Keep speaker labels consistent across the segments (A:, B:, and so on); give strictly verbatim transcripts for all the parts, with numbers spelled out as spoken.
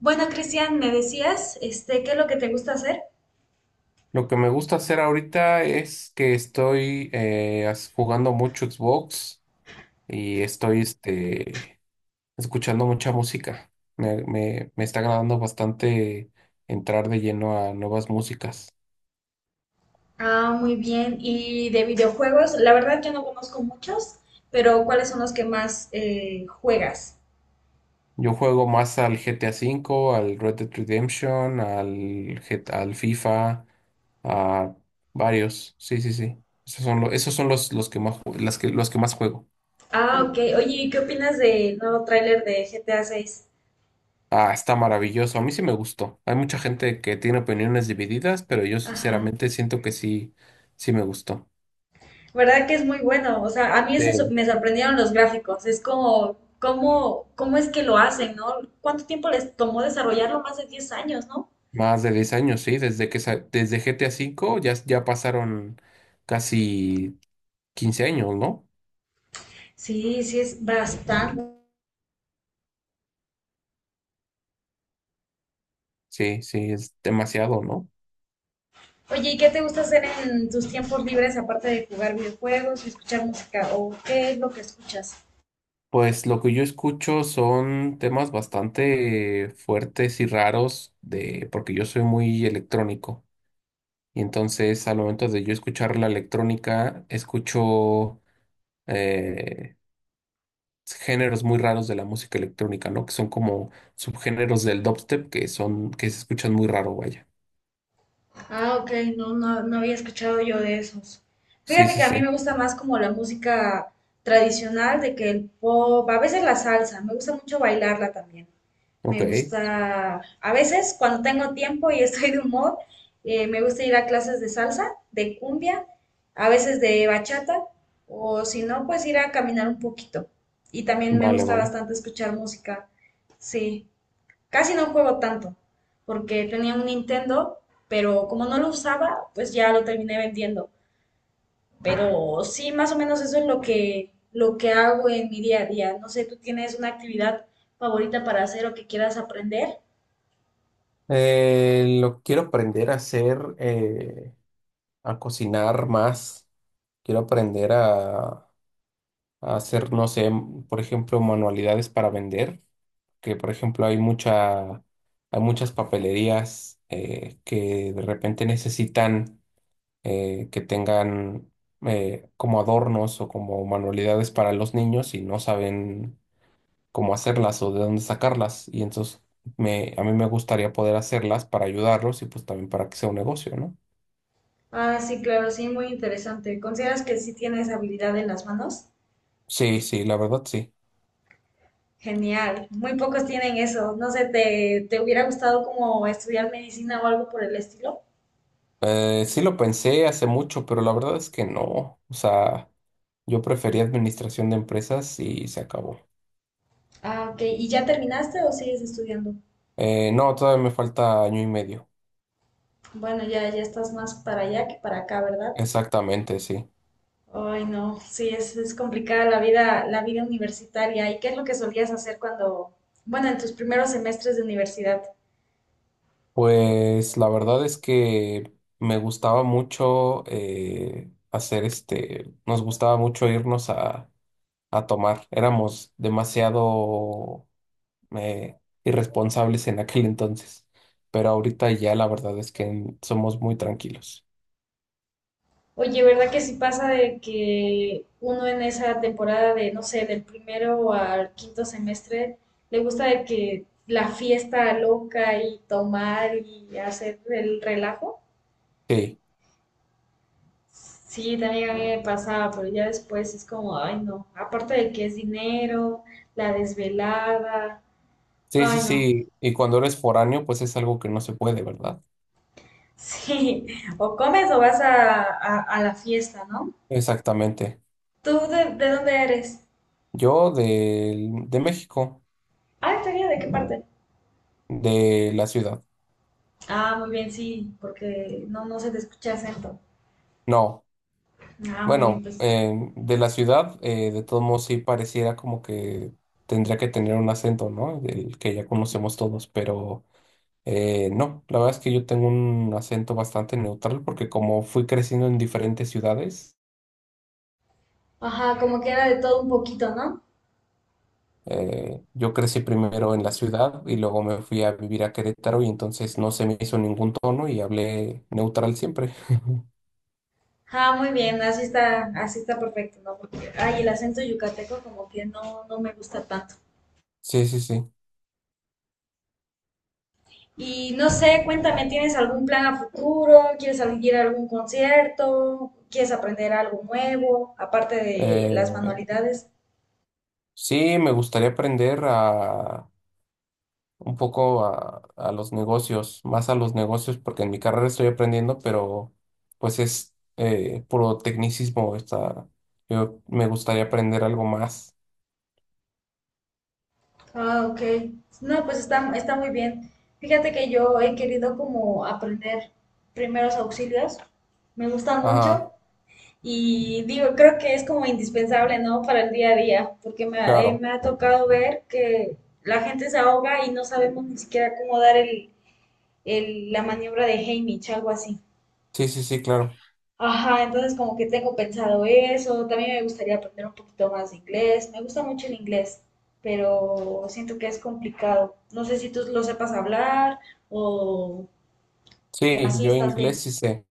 A: Bueno, Cristian, me decías, este, ¿qué es lo que te gusta hacer?
B: Lo que me gusta hacer ahorita es que estoy eh, as- jugando mucho Xbox y estoy este, escuchando mucha música. Me, me- me está agradando bastante entrar de lleno a nuevas músicas.
A: Ah, muy bien. Y de videojuegos, la verdad yo no conozco muchos, pero ¿cuáles son los que más eh, juegas?
B: Yo juego más al G T A V, al Red Dead Redemption, al, G- al FIFA, a varios. Sí, sí, sí. Esos son, lo- esos son los, los que más, ju- las que, los que más juego.
A: Ah, ok. Oye, ¿y ¿qué opinas del nuevo tráiler de G T A seis?
B: Ah, está maravilloso. A mí sí me gustó. Hay mucha gente que tiene opiniones divididas, pero yo
A: Ajá.
B: sinceramente siento que sí, sí me gustó.
A: ¿Verdad que es muy bueno? O sea, a mí ese so-
B: Sí.
A: me sorprendieron los gráficos. Es como, ¿cómo, ¿cómo es que lo hacen, no? ¿Cuánto tiempo les tomó desarrollarlo? Más de diez años, ¿no?
B: Más de diez años, sí. Desde que sa- desde G T A V ya, ya pasaron casi quince años, ¿no?
A: Sí, sí, es bastante.
B: Sí, sí, es demasiado, ¿no?
A: Oye, ¿y qué te gusta hacer en tus tiempos libres aparte de jugar videojuegos y escuchar música? ¿O qué es lo que escuchas?
B: Pues lo que yo escucho son temas bastante fuertes y raros de, porque yo soy muy electrónico. Y entonces al momento de yo escuchar la electrónica, escucho eh, géneros muy raros de la música electrónica, ¿no? Que son como subgéneros del dubstep que son, que se escuchan muy raro, vaya.
A: Ah, ok, no, no, no había escuchado yo de esos.
B: Sí,
A: Fíjate
B: sí,
A: que a mí me
B: sí.
A: gusta más como la música tradicional, de que el pop, a veces la salsa, me gusta mucho bailarla también.
B: Ok.
A: Me gusta, a veces cuando tengo tiempo y estoy de humor, eh, me gusta ir a clases de salsa, de cumbia, a veces de bachata, o si no, pues ir a caminar un poquito. Y también me
B: Vale,
A: gusta
B: vale.
A: bastante escuchar música. Sí, casi no juego tanto, porque tenía un Nintendo, pero como no lo usaba, pues ya lo terminé vendiendo. Pero sí, más o menos eso es lo que, lo que hago en mi día a día. No sé, ¿tú tienes una actividad favorita para hacer o que quieras aprender?
B: Eh, lo quiero aprender a hacer, eh, a cocinar más. Quiero aprender a, a hacer, no sé, m- por ejemplo, manualidades para vender, que por ejemplo hay mucha, hay muchas papelerías eh, que de repente necesitan eh, que tengan eh, como adornos o como manualidades para los niños y no saben cómo hacerlas o de dónde sacarlas. Y entonces me, a mí me gustaría poder hacerlas para ayudarlos y pues también para que sea un negocio, ¿no?
A: Ah, sí, claro, sí, muy interesante. ¿Consideras que sí tienes habilidad en las manos?
B: Sí, sí, la verdad sí.
A: Genial, muy pocos tienen eso. No sé, ¿te, ¿te hubiera gustado como estudiar medicina o algo por el estilo?
B: Eh, sí lo pensé hace mucho, pero la verdad es que no. O sea, yo preferí administración de empresas y se acabó.
A: Ah, ok. ¿Y ya terminaste o sigues estudiando?
B: Eh, no, todavía me falta año y medio.
A: Bueno, ya, ya estás más para allá que para acá, ¿verdad?
B: Exactamente, sí.
A: Ay, no, sí, es, es complicada la vida, la vida universitaria. ¿Y qué es lo que solías hacer cuando, bueno, en tus primeros semestres de universidad?
B: Pues la verdad es que me gustaba mucho eh, hacer este, nos gustaba mucho irnos a, a tomar. Éramos demasiado eh, irresponsables en aquel entonces, pero ahorita ya la verdad es que somos muy tranquilos.
A: Oye, ¿verdad que sí pasa de que uno en esa temporada de, no sé, del primero al quinto semestre, le gusta de que la fiesta loca y tomar y hacer el relajo?
B: Sí,
A: Sí, también a mí me pasaba, pero ya después es como, ay no, aparte de que es dinero, la desvelada,
B: sí, sí,
A: ay no,
B: sí. Y cuando eres foráneo, pues es algo que no se puede, ¿verdad?
A: sí, o comes o vas a, a- a la fiesta, ¿no?
B: Exactamente.
A: ¿Tú de, de dónde eres?
B: Yo del- de México,
A: Ah, ¿todavía de qué parte?
B: de la ciudad.
A: Ah, muy bien, sí, porque no, no se te escucha acento.
B: No.
A: Ah, muy bien,
B: Bueno,
A: pues.
B: eh, de la ciudad, eh, de todos modos sí pareciera como que tendría que tener un acento, ¿no? El que ya conocemos todos, pero eh, no, la verdad es que yo tengo un acento bastante neutral porque como fui creciendo en diferentes ciudades,
A: Ajá, como que era de todo un poquito, ¿no?
B: eh, yo crecí primero en la ciudad y luego me fui a vivir a Querétaro y entonces no se me hizo ningún tono y hablé neutral siempre.
A: Ah, muy bien, así está, así está perfecto, ¿no? Porque, ay, el acento yucateco como que no, no me gusta tanto.
B: Sí, sí, sí.
A: Y no sé, cuéntame, ¿tienes algún plan a futuro? ¿Quieres salir a algún concierto? ¿Quieres aprender algo nuevo, aparte de las
B: Eh,
A: manualidades?
B: sí, me gustaría aprender a un poco a, a los negocios, más a los negocios, porque en mi carrera estoy aprendiendo, pero pues es eh, puro tecnicismo. Está, yo me gustaría aprender algo más.
A: Ah, ok. No, pues está, está muy bien. Fíjate que yo he querido como aprender primeros auxilios. Me gusta mucho
B: Ajá,
A: y digo, creo que es como indispensable, ¿no? Para el día a día, porque me, ha eh,
B: claro.
A: me ha tocado ver que la gente se ahoga y no sabemos ni siquiera cómo dar el, el- la maniobra de Heimlich, algo así.
B: Sí, sí, sí, claro.
A: Ajá, entonces como que tengo pensado eso, también me gustaría aprender un poquito más de inglés, me gusta mucho el inglés, pero siento que es complicado. No sé si tú lo sepas hablar o, o
B: Sí,
A: así
B: yo
A: estás bien.
B: inglés sí sé.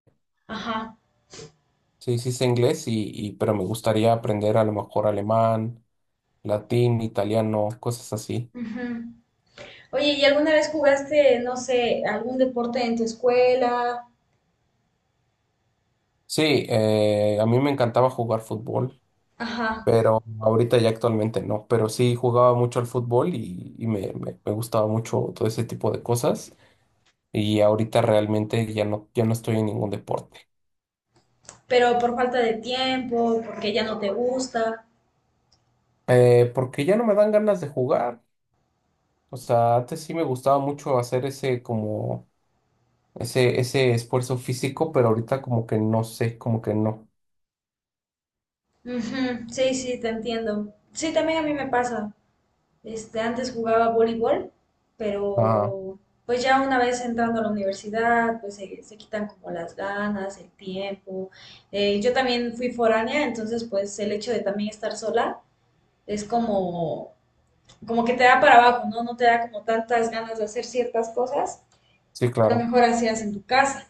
A: Ajá.
B: Sí, sí sé inglés, y, y, pero me gustaría aprender a lo mejor alemán, latín, italiano, cosas así.
A: Ujú. Oye, ¿y alguna vez jugaste, no sé, algún deporte en tu escuela?
B: Sí, eh, a mí me encantaba jugar fútbol.
A: Ajá,
B: Pero ahorita ya actualmente no. Pero sí jugaba mucho al fútbol y, y me, me- me gustaba mucho todo ese tipo de cosas. Y ahorita realmente ya no, ya no estoy en ningún deporte.
A: pero por falta de tiempo, porque ya no te gusta.
B: Eh, porque ya no me dan ganas de jugar. O sea, antes sí me gustaba mucho hacer ese como ese, ese esfuerzo físico, pero ahorita como que no sé, como que no.
A: Ujú, sí, sí, te entiendo. Sí, también a mí me pasa. Este, antes jugaba voleibol,
B: Ah,
A: pero pues ya una vez entrando a la universidad, pues se, se quitan como las ganas, el tiempo. Eh, yo también fui foránea, entonces pues el hecho de también estar sola es como, como que te da para abajo, ¿no? No te da como tantas ganas de hacer ciertas cosas
B: sí,
A: que a lo
B: claro.
A: mejor hacías en tu casa.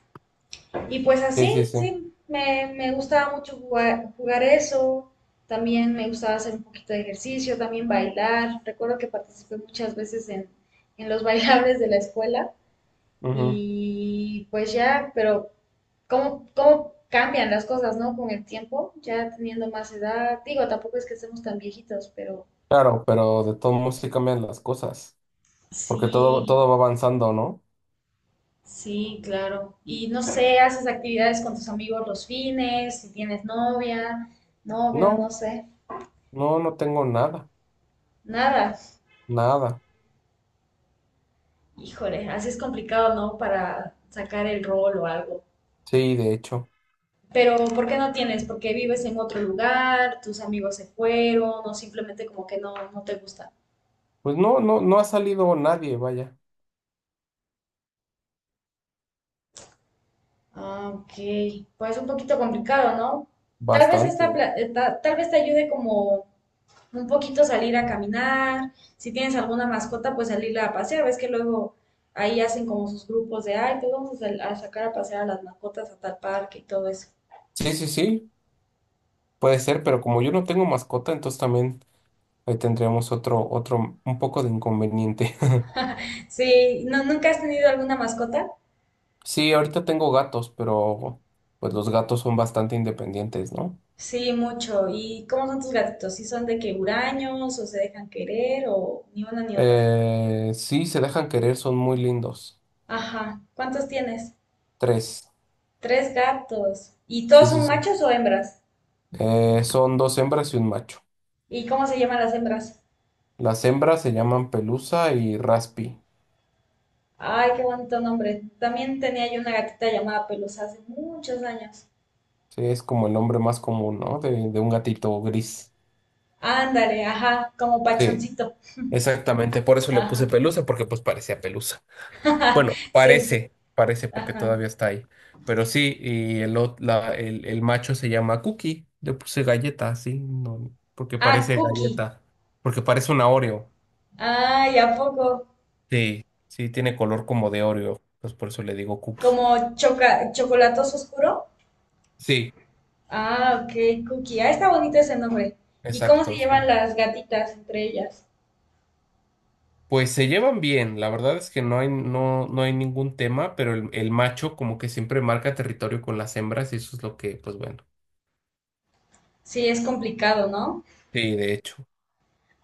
A: Y pues
B: Sí, sí,
A: así,
B: sí.
A: sí, me, me gustaba mucho jugar, jugar eso, también me gustaba hacer un poquito de ejercicio, también bailar. Recuerdo que participé muchas veces en, en los bailables de la escuela
B: Ujú.
A: y pues ya, pero ¿cómo, cómo cambian las cosas, ¿no? Con el tiempo, ya teniendo más edad, digo, tampoco es que estemos tan viejitos, pero
B: Claro, pero de todos modos sí cambian las cosas. Porque todo,
A: sí,
B: todo va avanzando, ¿no?
A: sí, claro. Y no sé, haces actividades con tus amigos los fines, si tienes novia, novio,
B: No,
A: no sé.
B: no, no tengo nada.
A: Nada.
B: Nada,
A: Híjole, así es complicado, ¿no? Para sacar el rol o algo.
B: sí, de hecho.
A: Pero ¿por qué no tienes? Porque vives en otro lugar, tus amigos se fueron, o simplemente como que no, no te gusta.
B: Pues no, no, no ha salido nadie, vaya,
A: Ah, ok. Pues un poquito complicado, ¿no? Tal vez esta,
B: bastante.
A: pla- eh, ta- Tal vez te ayude como un poquito salir a caminar. Si tienes alguna mascota, pues salirla a pasear. Ves que luego ahí hacen como sus grupos de, ay, pues vamos a, sal- a sacar a pasear a las mascotas a tal parque y todo eso.
B: Sí, sí, sí, puede ser, pero como yo no tengo mascota, entonces también ahí tendríamos otro, otro, un poco de inconveniente.
A: Sí, ¿no, nunca has tenido alguna mascota?
B: Sí, ahorita tengo gatos, pero pues los gatos son bastante independientes, ¿no?
A: Sí, mucho. ¿Y cómo son tus gatitos? ¿Sí son de que huraños o se dejan querer o ni una ni otra?
B: Eh, sí, se dejan querer, son muy lindos.
A: Ajá. ¿Cuántos tienes?
B: Tres,
A: Tres gatos. ¿Y todos
B: sí, sí,
A: son
B: sí.
A: machos o hembras?
B: Eh, son dos hembras y un macho.
A: ¿Y cómo se llaman las hembras?
B: Las hembras se llaman Pelusa y Raspi.
A: Ay, qué bonito nombre. También tenía yo una gatita llamada Pelusa hace muchos años.
B: Sí, es como el nombre más común, ¿no? De, de un gatito gris.
A: Ándale, ajá, como
B: Sí,
A: pachoncito.
B: exactamente. Por eso le puse
A: Ajá.
B: pelusa, porque pues parecía pelusa. Bueno,
A: Sí,
B: parece, parece porque
A: ajá.
B: todavía está ahí. Pero sí, y el, ot- la- el, el macho se llama Cookie. Le puse galleta, sí, no, porque
A: Ah,
B: parece
A: Cookie.
B: galleta. Porque parece una Oreo.
A: Ay, ¿a poco?
B: Sí, sí, tiene color como de Oreo. Pues por eso le digo Cookie.
A: Como choca chocolatoso oscuro.
B: Sí,
A: Ah, ok, Cookie. Ah, está bonito ese nombre. ¿Y cómo se
B: exacto. Sí.
A: llevan las gatitas entre ellas?
B: Pues se llevan bien, la verdad es que no hay, no, no hay ningún tema, pero el, el macho como que siempre marca territorio con las hembras y eso es lo que, pues bueno,
A: Sí, es complicado, ¿no?
B: sí, de hecho,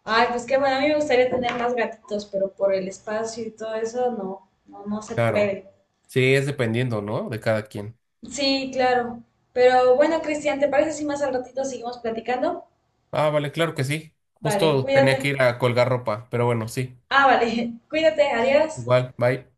A: Ay, pues qué bueno, a mí me gustaría tener más gatitos, pero por el espacio y todo eso, no, no, no se
B: claro,
A: puede.
B: sí, es dependiendo, ¿no? De cada quien.
A: Sí, claro. Pero bueno, Cristian, ¿te parece si más al ratito seguimos platicando?
B: Ah, vale, claro que sí,
A: Vale,
B: justo tenía que
A: cuídate.
B: ir a colgar ropa, pero bueno, sí,
A: Ah, vale, cuídate, adiós.
B: igual, bye.